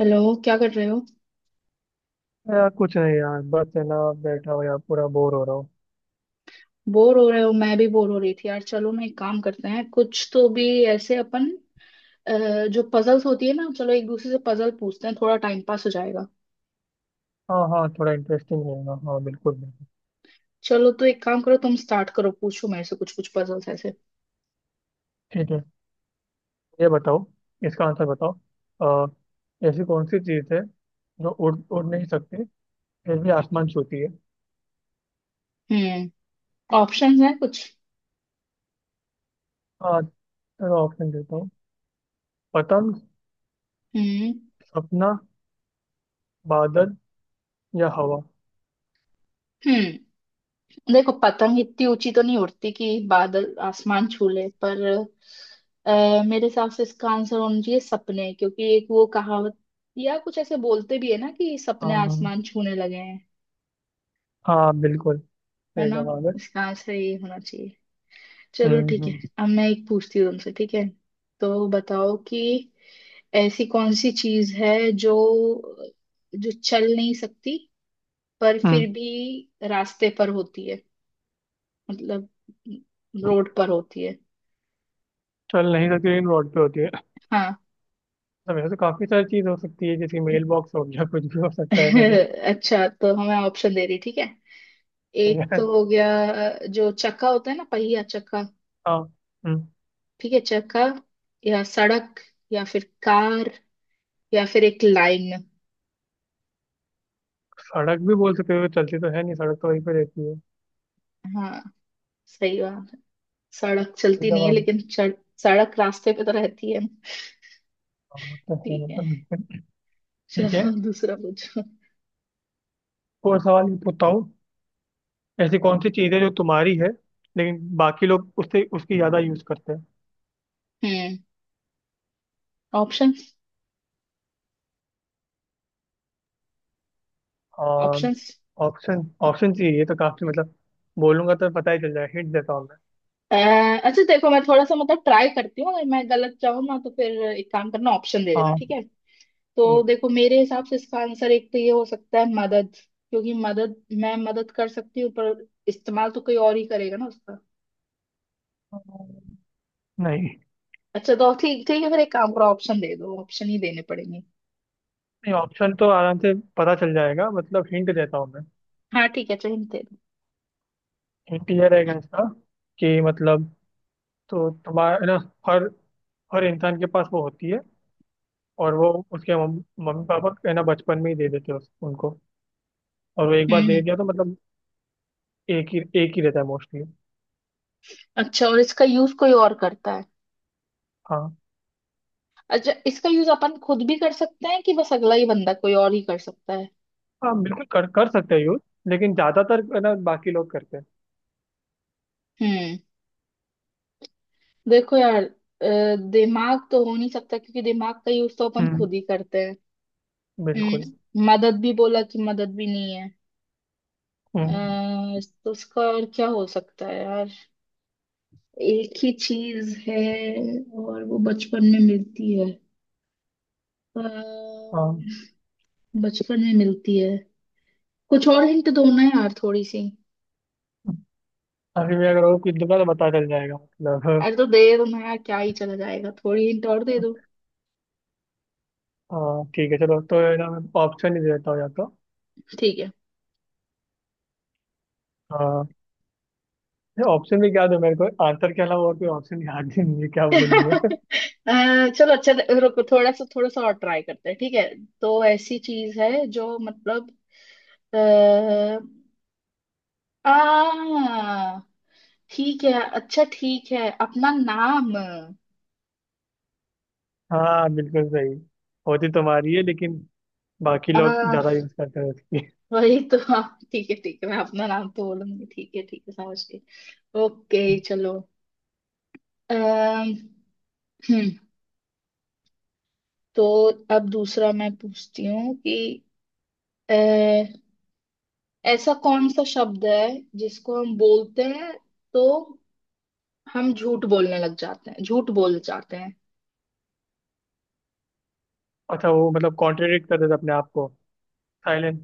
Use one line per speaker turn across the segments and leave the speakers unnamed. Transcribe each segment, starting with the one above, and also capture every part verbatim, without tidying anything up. Hello, क्या कर रहे हो?
यार कुछ नहीं यार, बस है ना, बैठा हुआ यार पूरा बोर हो रहा हूँ।
बोर हो रहे हो? मैं भी बोर हो रही थी यार। चलो, मैं एक काम करते हैं, कुछ तो भी ऐसे, अपन अ, जो पजल्स होती है ना, चलो एक दूसरे से पजल पूछते हैं, थोड़ा टाइम पास हो जाएगा।
हाँ हाँ, थोड़ा इंटरेस्टिंग रहेगा, हाँ बिल्कुल बिल्कुल।
चलो, तो एक काम करो, तुम स्टार्ट करो, पूछो मेरे से कुछ कुछ पजल्स ऐसे।
ठीक है, ये बताओ, इसका आंसर बताओ। अ, ऐसी कौन सी चीज़ है जो उड़ उड़ नहीं सकती, फिर भी आसमान छूती है?
हम्म। ऑप्शंस हैं कुछ?
हाँ, चलो ऑप्शन देता हूँ। पतंग,
हम्म,
सपना, बादल या हवा?
हम्म। देखो, पतंग इतनी ऊंची तो नहीं उड़ती कि बादल आसमान छू ले, पर अ, मेरे हिसाब से इसका आंसर होना चाहिए सपने, क्योंकि एक वो कहावत या कुछ ऐसे बोलते भी है ना कि सपने
हाँ,
आसमान छूने लगे हैं।
हाँ बिल्कुल
है
सही
ना?
जवाब है।
इसका आंसर ये होना चाहिए। चलो
हम्म
ठीक है।
हम्म।
अब मैं एक पूछती हूँ तुमसे, ठीक है? तो बताओ कि ऐसी कौन सी चीज है जो जो चल नहीं सकती, पर फिर
हम्म।
भी रास्ते पर होती है, मतलब रोड पर होती है।
चल नहीं सकती लेकिन रोड पे होती है?
हाँ।
तो वैसे तो काफी सारी चीज हो सकती है, जैसे मेल बॉक्स हो गया, कुछ भी हो सकता है ऐसा।
अच्छा, तो हमें ऑप्शन दे रही। ठीक है। एक
तो।
तो हो गया, जो चक्का होता है ना, पहिया, चक्का।
हाँ। हम्म,
ठीक है, चक्का या सड़क या फिर कार या फिर एक लाइन।
सड़क भी बोल सकते हो, चलती तो है नहीं, सड़क तो वहीं पे रहती है।
हाँ, सही बात है। सड़क चलती
एकदम
नहीं है,
हम।
लेकिन चढ़- सड़क रास्ते पे तो रहती है ना।
हाँ, वो तो है,
ठीक है,
मतलब। ठीक है,
चलो दूसरा पूछो।
और सवाल ये पूछता हूँ। ऐसी कौन सी चीज़ है जो तुम्हारी है लेकिन बाकी लोग उससे उसकी ज़्यादा यूज़ करते हैं।
हम्म। ऑप्शंस,
हाँ,
ऑप्शंस।
ऑप्शन ऑप्शन चाहिए, ये तो काफ़ी मतलब, बोलूंगा तो पता ही चल जाएगा, हिंट देता हूँ मैं।
अ, अच्छा देखो, मैं थोड़ा सा मतलब ट्राई करती हूँ, अगर मैं गलत जाऊँ ना तो फिर एक काम करना, ऑप्शन दे देना,
हाँ
ठीक है? तो
ठीक है।
देखो, मेरे हिसाब से इसका आंसर एक तो ये हो सकता है, मदद, क्योंकि मदद मैं मदद कर सकती हूँ, पर इस्तेमाल तो कोई और ही करेगा ना उसका।
अम, नहीं
अच्छा तो ठीक, ठीक है, फिर एक काम करो ऑप्शन दे दो, ऑप्शन ही देने पड़ेंगे।
नहीं, ऑप्शन तो आराम से पता चल जाएगा, मतलब हिंट देता हूँ मैं।
हाँ ठीक है, चलो hint दे दो।
हिंट ये रहेगा इसका, कि मतलब, तो तुम्हारा है ना, हर हर इंसान के पास वो होती है, और वो उसके मम- मम्मी पापा है ना बचपन में ही दे देते हैं उस- उनको। और वो एक बार दे
हम्म।
दिया तो मतलब एक ही एक ही रहता है मोस्टली।
अच्छा, और इसका यूज कोई और करता है?
हाँ,
अच्छा, इसका यूज अपन खुद भी कर सकते हैं कि बस अगला ही बंदा कोई और ही कर सकता है?
हाँ बिल्कुल कर कर सकते हैं यूज, लेकिन ज्यादातर है ना बाकी लोग करते हैं।
हम्म देखो यार, अ, दिमाग तो हो नहीं सकता, क्योंकि दिमाग का यूज तो अपन
हम्म,
खुद ही करते हैं।
बिल्कुल।
हम्म मदद भी बोला कि मदद भी नहीं है। अ,
हम्म।
तो उसका और क्या हो सकता है यार? एक ही चीज है और वो बचपन में मिलती है। अ,
हाँ।
बचपन में मिलती है। कुछ और हिंट दो ना यार थोड़ी सी।
अभी मैं अगर और कुछ दूंगा तो पता चल जाएगा, मतलब।
अरे, तो दे दो ना यार, क्या ही चला जाएगा, थोड़ी हिंट और दे दो।
हाँ ठीक है, चलो तो है ना, मैं ऑप्शन ही दे देता हूँ या तो।
ठीक है।
हाँ। ऑप्शन भी क्या दूं, मेरे को आंसर के अलावा और कोई ऑप्शन याद ही नहीं है, क्या बोलूँ मैं।
अ, चलो अच्छा, रुको थोड़ा सा, थोड़ा सा और ट्राई करते हैं, ठीक है। तो ऐसी चीज है जो मतलब आ, आ ठीक है, अच्छा ठीक है, अपना नाम।
हाँ बिल्कुल सही, होती तुम्हारी है लेकिन बाकी लोग ज्यादा यूज करते हैं उसकी।
वही तो हाँ, ठीक है ठीक है, मैं अपना नाम तो बोलूंगी, ठीक है ठीक है, समझ गई। ओके चलो। अम्म हम्म, तो अब दूसरा मैं पूछती हूँ कि अ, ऐसा कौन सा शब्द है जिसको हम बोलते हैं तो हम झूठ बोलने लग जाते हैं, झूठ बोल जाते हैं।
अच्छा, वो मतलब कॉन्ट्रेडिक्ट करते थे अपने आप को। साइलेंस।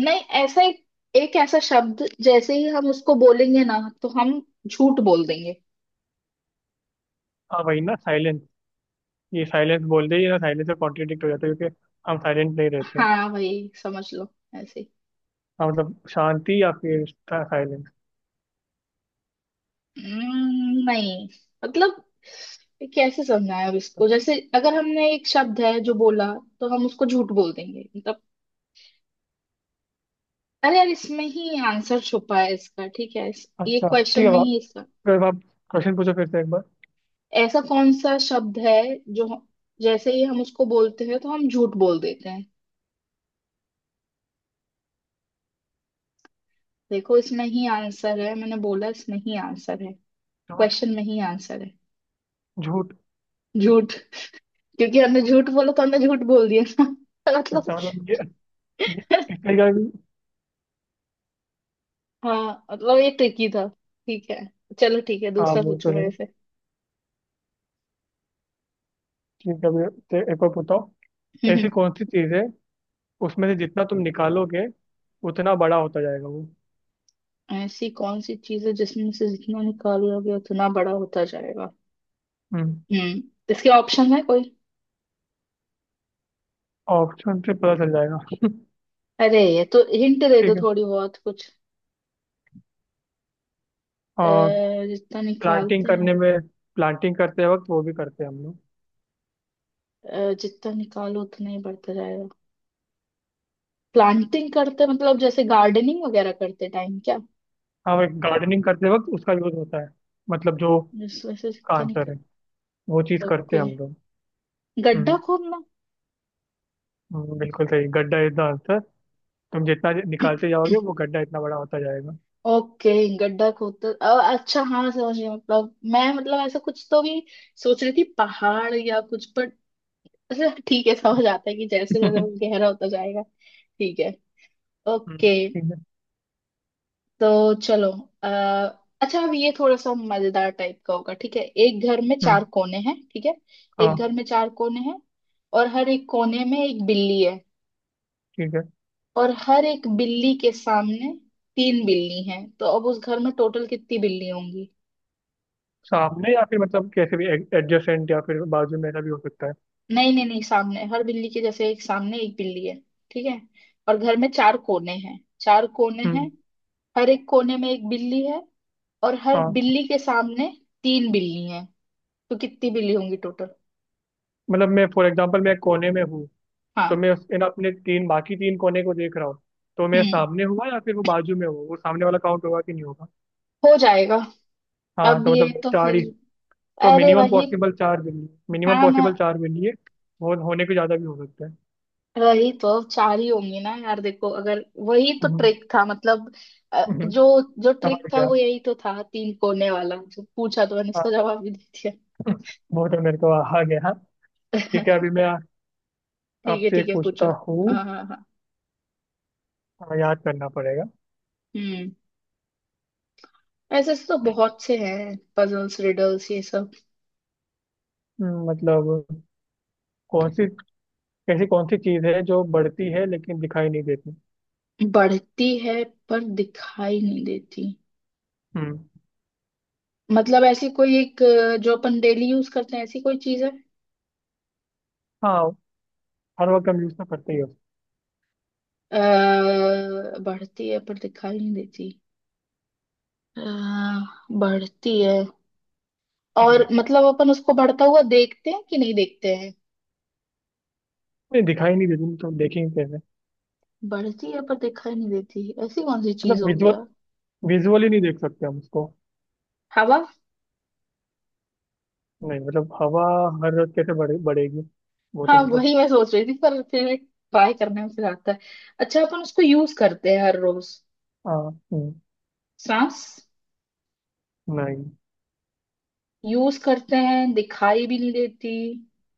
नहीं, ऐसा एक, एक ऐसा शब्द जैसे ही हम उसको बोलेंगे ना तो हम झूठ बोल देंगे।
हाँ वही ना, साइलेंस। ये साइलेंस बोलते ही ना, साइलेंस से कॉन्ट्रेडिक्ट हो जाता है क्योंकि हम साइलेंट नहीं रहते।
हाँ, वही समझ लो, ऐसे ही।
हाँ मतलब शांति या फिर साइलेंस।
हम्म, नहीं मतलब, ये कैसे समझाएं अब इसको, जैसे अगर हमने एक शब्द है जो बोला तो हम उसको झूठ बोल देंगे मतलब। अरे यार, इसमें ही आंसर छुपा है इसका, ठीक है, इस, ये
अच्छा ठीक
क्वेश्चन
है
में
बाप,
ही इसका।
फिर आप क्वेश्चन पूछो फिर से एक बार।
ऐसा कौन सा शब्द है जो हम- जैसे ही हम उसको बोलते हैं तो हम झूठ बोल देते हैं। देखो, इसमें ही आंसर है, मैंने बोला इसमें ही आंसर है,
झूठ।
क्वेश्चन में ही आंसर है।
झूठ।
झूठ। क्योंकि हमने झूठ बोला तो हमने झूठ बोल दिया ना। मतलब।
अच्छा मतलब ये ये इसका क्या भी।
हाँ मतलब, ये ट्रिकी था। ठीक है चलो, ठीक है,
हाँ
दूसरा
वो तो
पूछो
है,
मेरे से।
ठीक है अभी, ते- एक और बताओ। ऐसी कौन सी चीज है उसमें से जितना तुम निकालोगे, उतना बड़ा होता जाएगा वो।
ऐसी कौन सी चीज है जिसमें से जितना निकालोगे उतना बड़ा होता जाएगा?
हम्म,
हम्म। इसके ऑप्शन है कोई?
ऑप्शन से पता चल जाएगा।
अरे, ये तो हिंट दे दो
ठीक है।
थोड़ी बहुत कुछ। अ,
और
जितना
प्लांटिंग
निकालते हैं,
करने में, प्लांटिंग करते वक्त वो भी करते हैं हम लोग।
अ, जितना निकालो उतना ही बढ़ता जाएगा, प्लांटिंग करते मतलब जैसे गार्डनिंग वगैरह करते टाइम क्या?
हाँ वो गार्डनिंग करते वक्त उसका यूज होता है, मतलब जो
जिस वजह से
का
जितना
आंसर
निकाल,
है वो चीज करते
ओके।
हैं हम लोग।
गड्ढा
हम्म।
खोदना।
हम्म, बिल्कुल सही, गड्ढा इतना आंसर, तुम जितना निकालते जाओगे वो गड्ढा इतना बड़ा होता जाएगा।
ओके, गड्ढा खोदते अ, अच्छा हाँ, समझ गया, मतलब मैं मतलब ऐसा कुछ तो भी सोच रही थी, पहाड़ या कुछ, पर अच्छा ठीक है, समझ आता है कि जैसे जैसे वो गहरा होता जाएगा। ठीक है
हम्म,
ओके।
ठीक है।
तो चलो, आ, अच्छा अब ये थोड़ा सा मजेदार टाइप का होगा, ठीक है? एक घर में चार
हम्म।
कोने हैं, ठीक है?
हाँ।
एक घर में चार कोने हैं और हर एक कोने में एक बिल्ली है,
ठीक है।
और हर एक बिल्ली के सामने तीन बिल्ली हैं, तो अब उस घर में टोटल कितनी बिल्ली होंगी?
सामने या फिर मतलब कैसे भी, एडजेसेंट या फिर बाजू में ऐसा भी हो सकता है?
नहीं नहीं नहीं, सामने हर बिल्ली के, जैसे एक सामने एक बिल्ली है, ठीक है? और घर में चार कोने हैं, चार कोने हैं,
हम्म।
हर एक कोने में एक बिल्ली है और हर
हाँ।
बिल्ली के सामने तीन बिल्ली हैं, तो कितनी बिल्ली होंगी टोटल?
मतलब मैं फॉर एग्जांपल मैं कोने में हूँ, तो
हाँ।
मैं उस इन अपने तीन बाकी तीन कोने को देख रहा हूँ, तो मैं
हम्म।
सामने हुआ या फिर वो बाजू में हुआ, वो सामने वाला काउंट होगा कि नहीं होगा?
हो जाएगा।
हाँ
अब
तो
ये
मतलब
तो
चार
फिर,
ही। तो
अरे
मिनिमम
वही,
पॉसिबल चार बिल्ली मिनिमम
हाँ ना,
पॉसिबल चार बिल्ली है, वो होने को ज़्यादा भी हो सकता है।
वही तो चार ही होंगी ना यार, देखो। अगर वही तो
हम्म।
ट्रिक था मतलब। अ,
हम्म,
जो जो
समझ
ट्रिक था
गया।
वो यही तो था, तीन कोने वाला जो पूछा तो मैंने इसका
हाँ,
जवाब भी दे दिया।
वो तो मेरे को आ गया हाँ। ठीक है अभी मैं
ठीक है
आपसे
ठीक
एक
है,
पूछता
पूछो।
हूँ।
हाँ हाँ हाँ।
हाँ, याद करना पड़ेगा।
हम्म ऐसे ऐसे तो बहुत से हैं, पजल्स, रिडल्स, ये सब।
हम्म, मतलब कौन सी, ऐसी कौन सी चीज़ है जो बढ़ती है लेकिन दिखाई नहीं देती?
बढ़ती है पर दिखाई नहीं देती?
हम्म।
मतलब ऐसी कोई एक अ, जो अपन डेली यूज करते हैं, ऐसी कोई चीज है?
हाँ, हर वक्त हम यूज़ तो करते ही
अ, बढ़ती है पर दिखाई नहीं देती, अ, बढ़ती है,
हो।
और मतलब अपन उसको बढ़ता हुआ देखते हैं कि नहीं देखते हैं?
नहीं, दिखाई नहीं देती तो देखेंगे कैसे?
बढ़ती है पर दिखाई नहीं देती, ऐसी कौन सी चीज
मतलब
होगी
विजुअल,
यार?
विजुअली नहीं देख सकते हम उसको।
हवा।
नहीं मतलब हवा हर रोज कैसे बढ़े बढ़ेगी, वो तो
हाँ,
मतलब।
वही मैं सोच रही थी पर फिर ट्राई करने में फिर आता है। अच्छा, अपन उसको यूज करते हैं हर रोज?
हाँ, हम्म।
सांस।
नहीं।
यूज करते हैं, दिखाई भी नहीं देती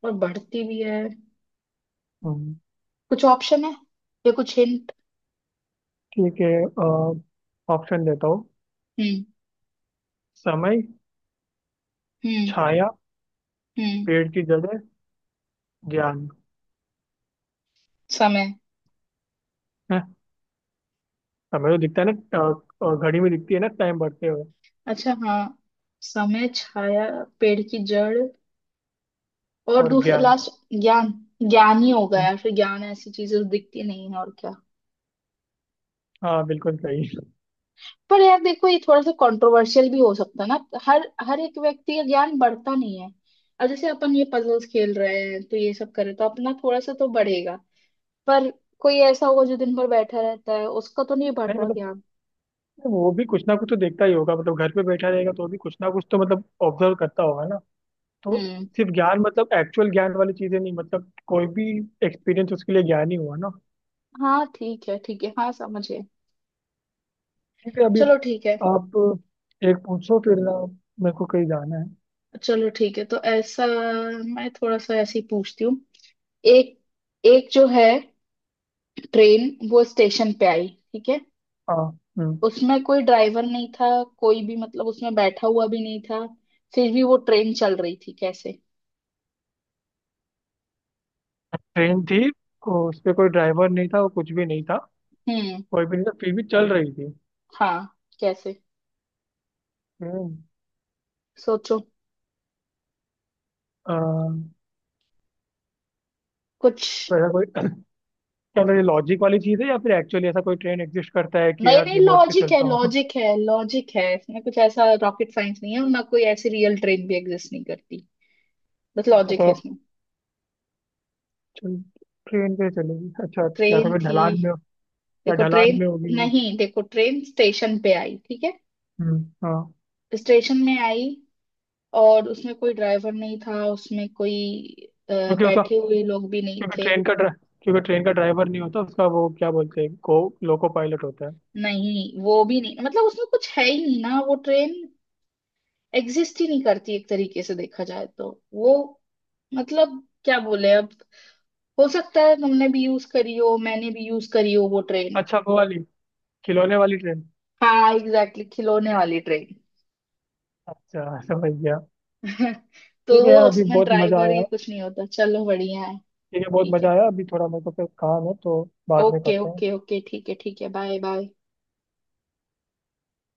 और बढ़ती भी है।
हम्म,
कुछ ऑप्शन है या कुछ हिंट?
ठीक है, ऑप्शन देता हूँ।
हम्म,
समय। हम्म।
हम्म,
छाया।
हम्म,
पेड़ की जड़ें। ज्ञान।
समय।
है, समय तो दिखता है ना, अ, अ, घड़ी में दिखती है ना टाइम बढ़ते हुए।
अच्छा हाँ, समय, छाया, पेड़ की जड़, और
और
दूसरा
ज्ञान।
लास्ट, ज्ञान। ज्ञान ही होगा
हम्म,
यार फिर, ज्ञान, ऐसी चीजें तो दिखती नहीं है और क्या।
हाँ बिल्कुल सही।
पर यार देखो, ये थोड़ा सा कंट्रोवर्शियल भी हो सकता है ना, हर हर एक व्यक्ति का ज्ञान बढ़ता नहीं है। अब जैसे अपन ये पजल्स खेल रहे हैं तो ये सब करे तो अपना थोड़ा सा तो बढ़ेगा, पर कोई ऐसा होगा जो दिन भर बैठा रहता है, उसका तो नहीं बढ़
नहीं
रहा
मतलब
ज्ञान।
वो भी कुछ ना कुछ तो देखता ही होगा, मतलब घर पे बैठा रहेगा तो भी कुछ ना कुछ तो मतलब ऑब्जर्व करता होगा। तो
हम्म।
सिर्फ ज्ञान मतलब एक्चुअल ज्ञान वाली चीजें नहीं, मतलब कोई भी एक्सपीरियंस उसके लिए ज्ञान ही हुआ ना।
हाँ ठीक है ठीक है, हाँ समझे।
ठीक है अभी
चलो ठीक है।
आप एक पूछो फिर ना, मेरे को कहीं जाना है।
चलो ठीक है, तो ऐसा मैं थोड़ा सा ऐसे ही पूछती हूँ। एक एक जो है ट्रेन, वो स्टेशन पे आई, ठीक है?
हाँ। हम्म।
उसमें कोई ड्राइवर नहीं था, कोई भी मतलब उसमें बैठा हुआ भी नहीं था, फिर भी वो ट्रेन चल रही थी, कैसे?
ट्रेन थी, को- उस पे कोई ड्राइवर नहीं था, वो कुछ भी नहीं था,
हम्म।
कोई भी नहीं था फिर भी चल रही थी।
हाँ, कैसे?
हम्म।
सोचो
अ,
कुछ।
तो ऐसा कोई क्या मतलब ये लॉजिक वाली चीज है या फिर एक्चुअली ऐसा कोई ट्रेन एग्जिस्ट करता है कि
नहीं
यार
नहीं,
रिमोट से
लॉजिक है,
चलता हो?
लॉजिक है, लॉजिक है इसमें, कुछ ऐसा रॉकेट साइंस नहीं है और ना कोई ऐसी रियल ट्रेन भी एग्जिस्ट नहीं करती, बस
अच्छा
लॉजिक है
तो
इसमें।
ट्रेन पे चलेगी, अच्छा। या
ट्रेन
तो फिर
थी,
ढलान में हो- या
देखो
ढलान
ट्रेन,
में होगी वो।
नहीं देखो, ट्रेन स्टेशन पे आई, ठीक है?
हम्म हाँ।
स्टेशन में आई, और उसमें कोई ड्राइवर नहीं था, उसमें कोई अ,
क्योंकि उसका,
बैठे हुए लोग भी नहीं
क्योंकि
थे,
ट्रेन का ड्रा- क्योंकि ट्रेन का ड्राइवर नहीं होता, उसका वो क्या बोलते हैं, को लोको पायलट होता है।
नहीं वो भी नहीं, मतलब उसमें कुछ है ही नहीं ना, वो ट्रेन एग्जिस्ट ही नहीं करती एक तरीके से देखा जाए तो, वो मतलब क्या बोले अब, हो सकता है तुमने भी यूज करी हो मैंने भी यूज करी हो वो ट्रेन।
अच्छा वो वाली, खिलौने वाली ट्रेन।
हाँ, एग्जैक्टली, खिलौने वाली ट्रेन।
अच्छा समझ गया।
तो
ठीक है
वो,
यार अभी
उसमें
बहुत मजा
ड्राइवर
आया।
ये कुछ नहीं होता। चलो बढ़िया है।
ठीक है बहुत
ठीक
मजा
है।
आया, अभी थोड़ा मेरे को फिर काम है तो बाद में
ओके
करते हैं।
ओके ओके, ठीक है ठीक है, बाय बाय।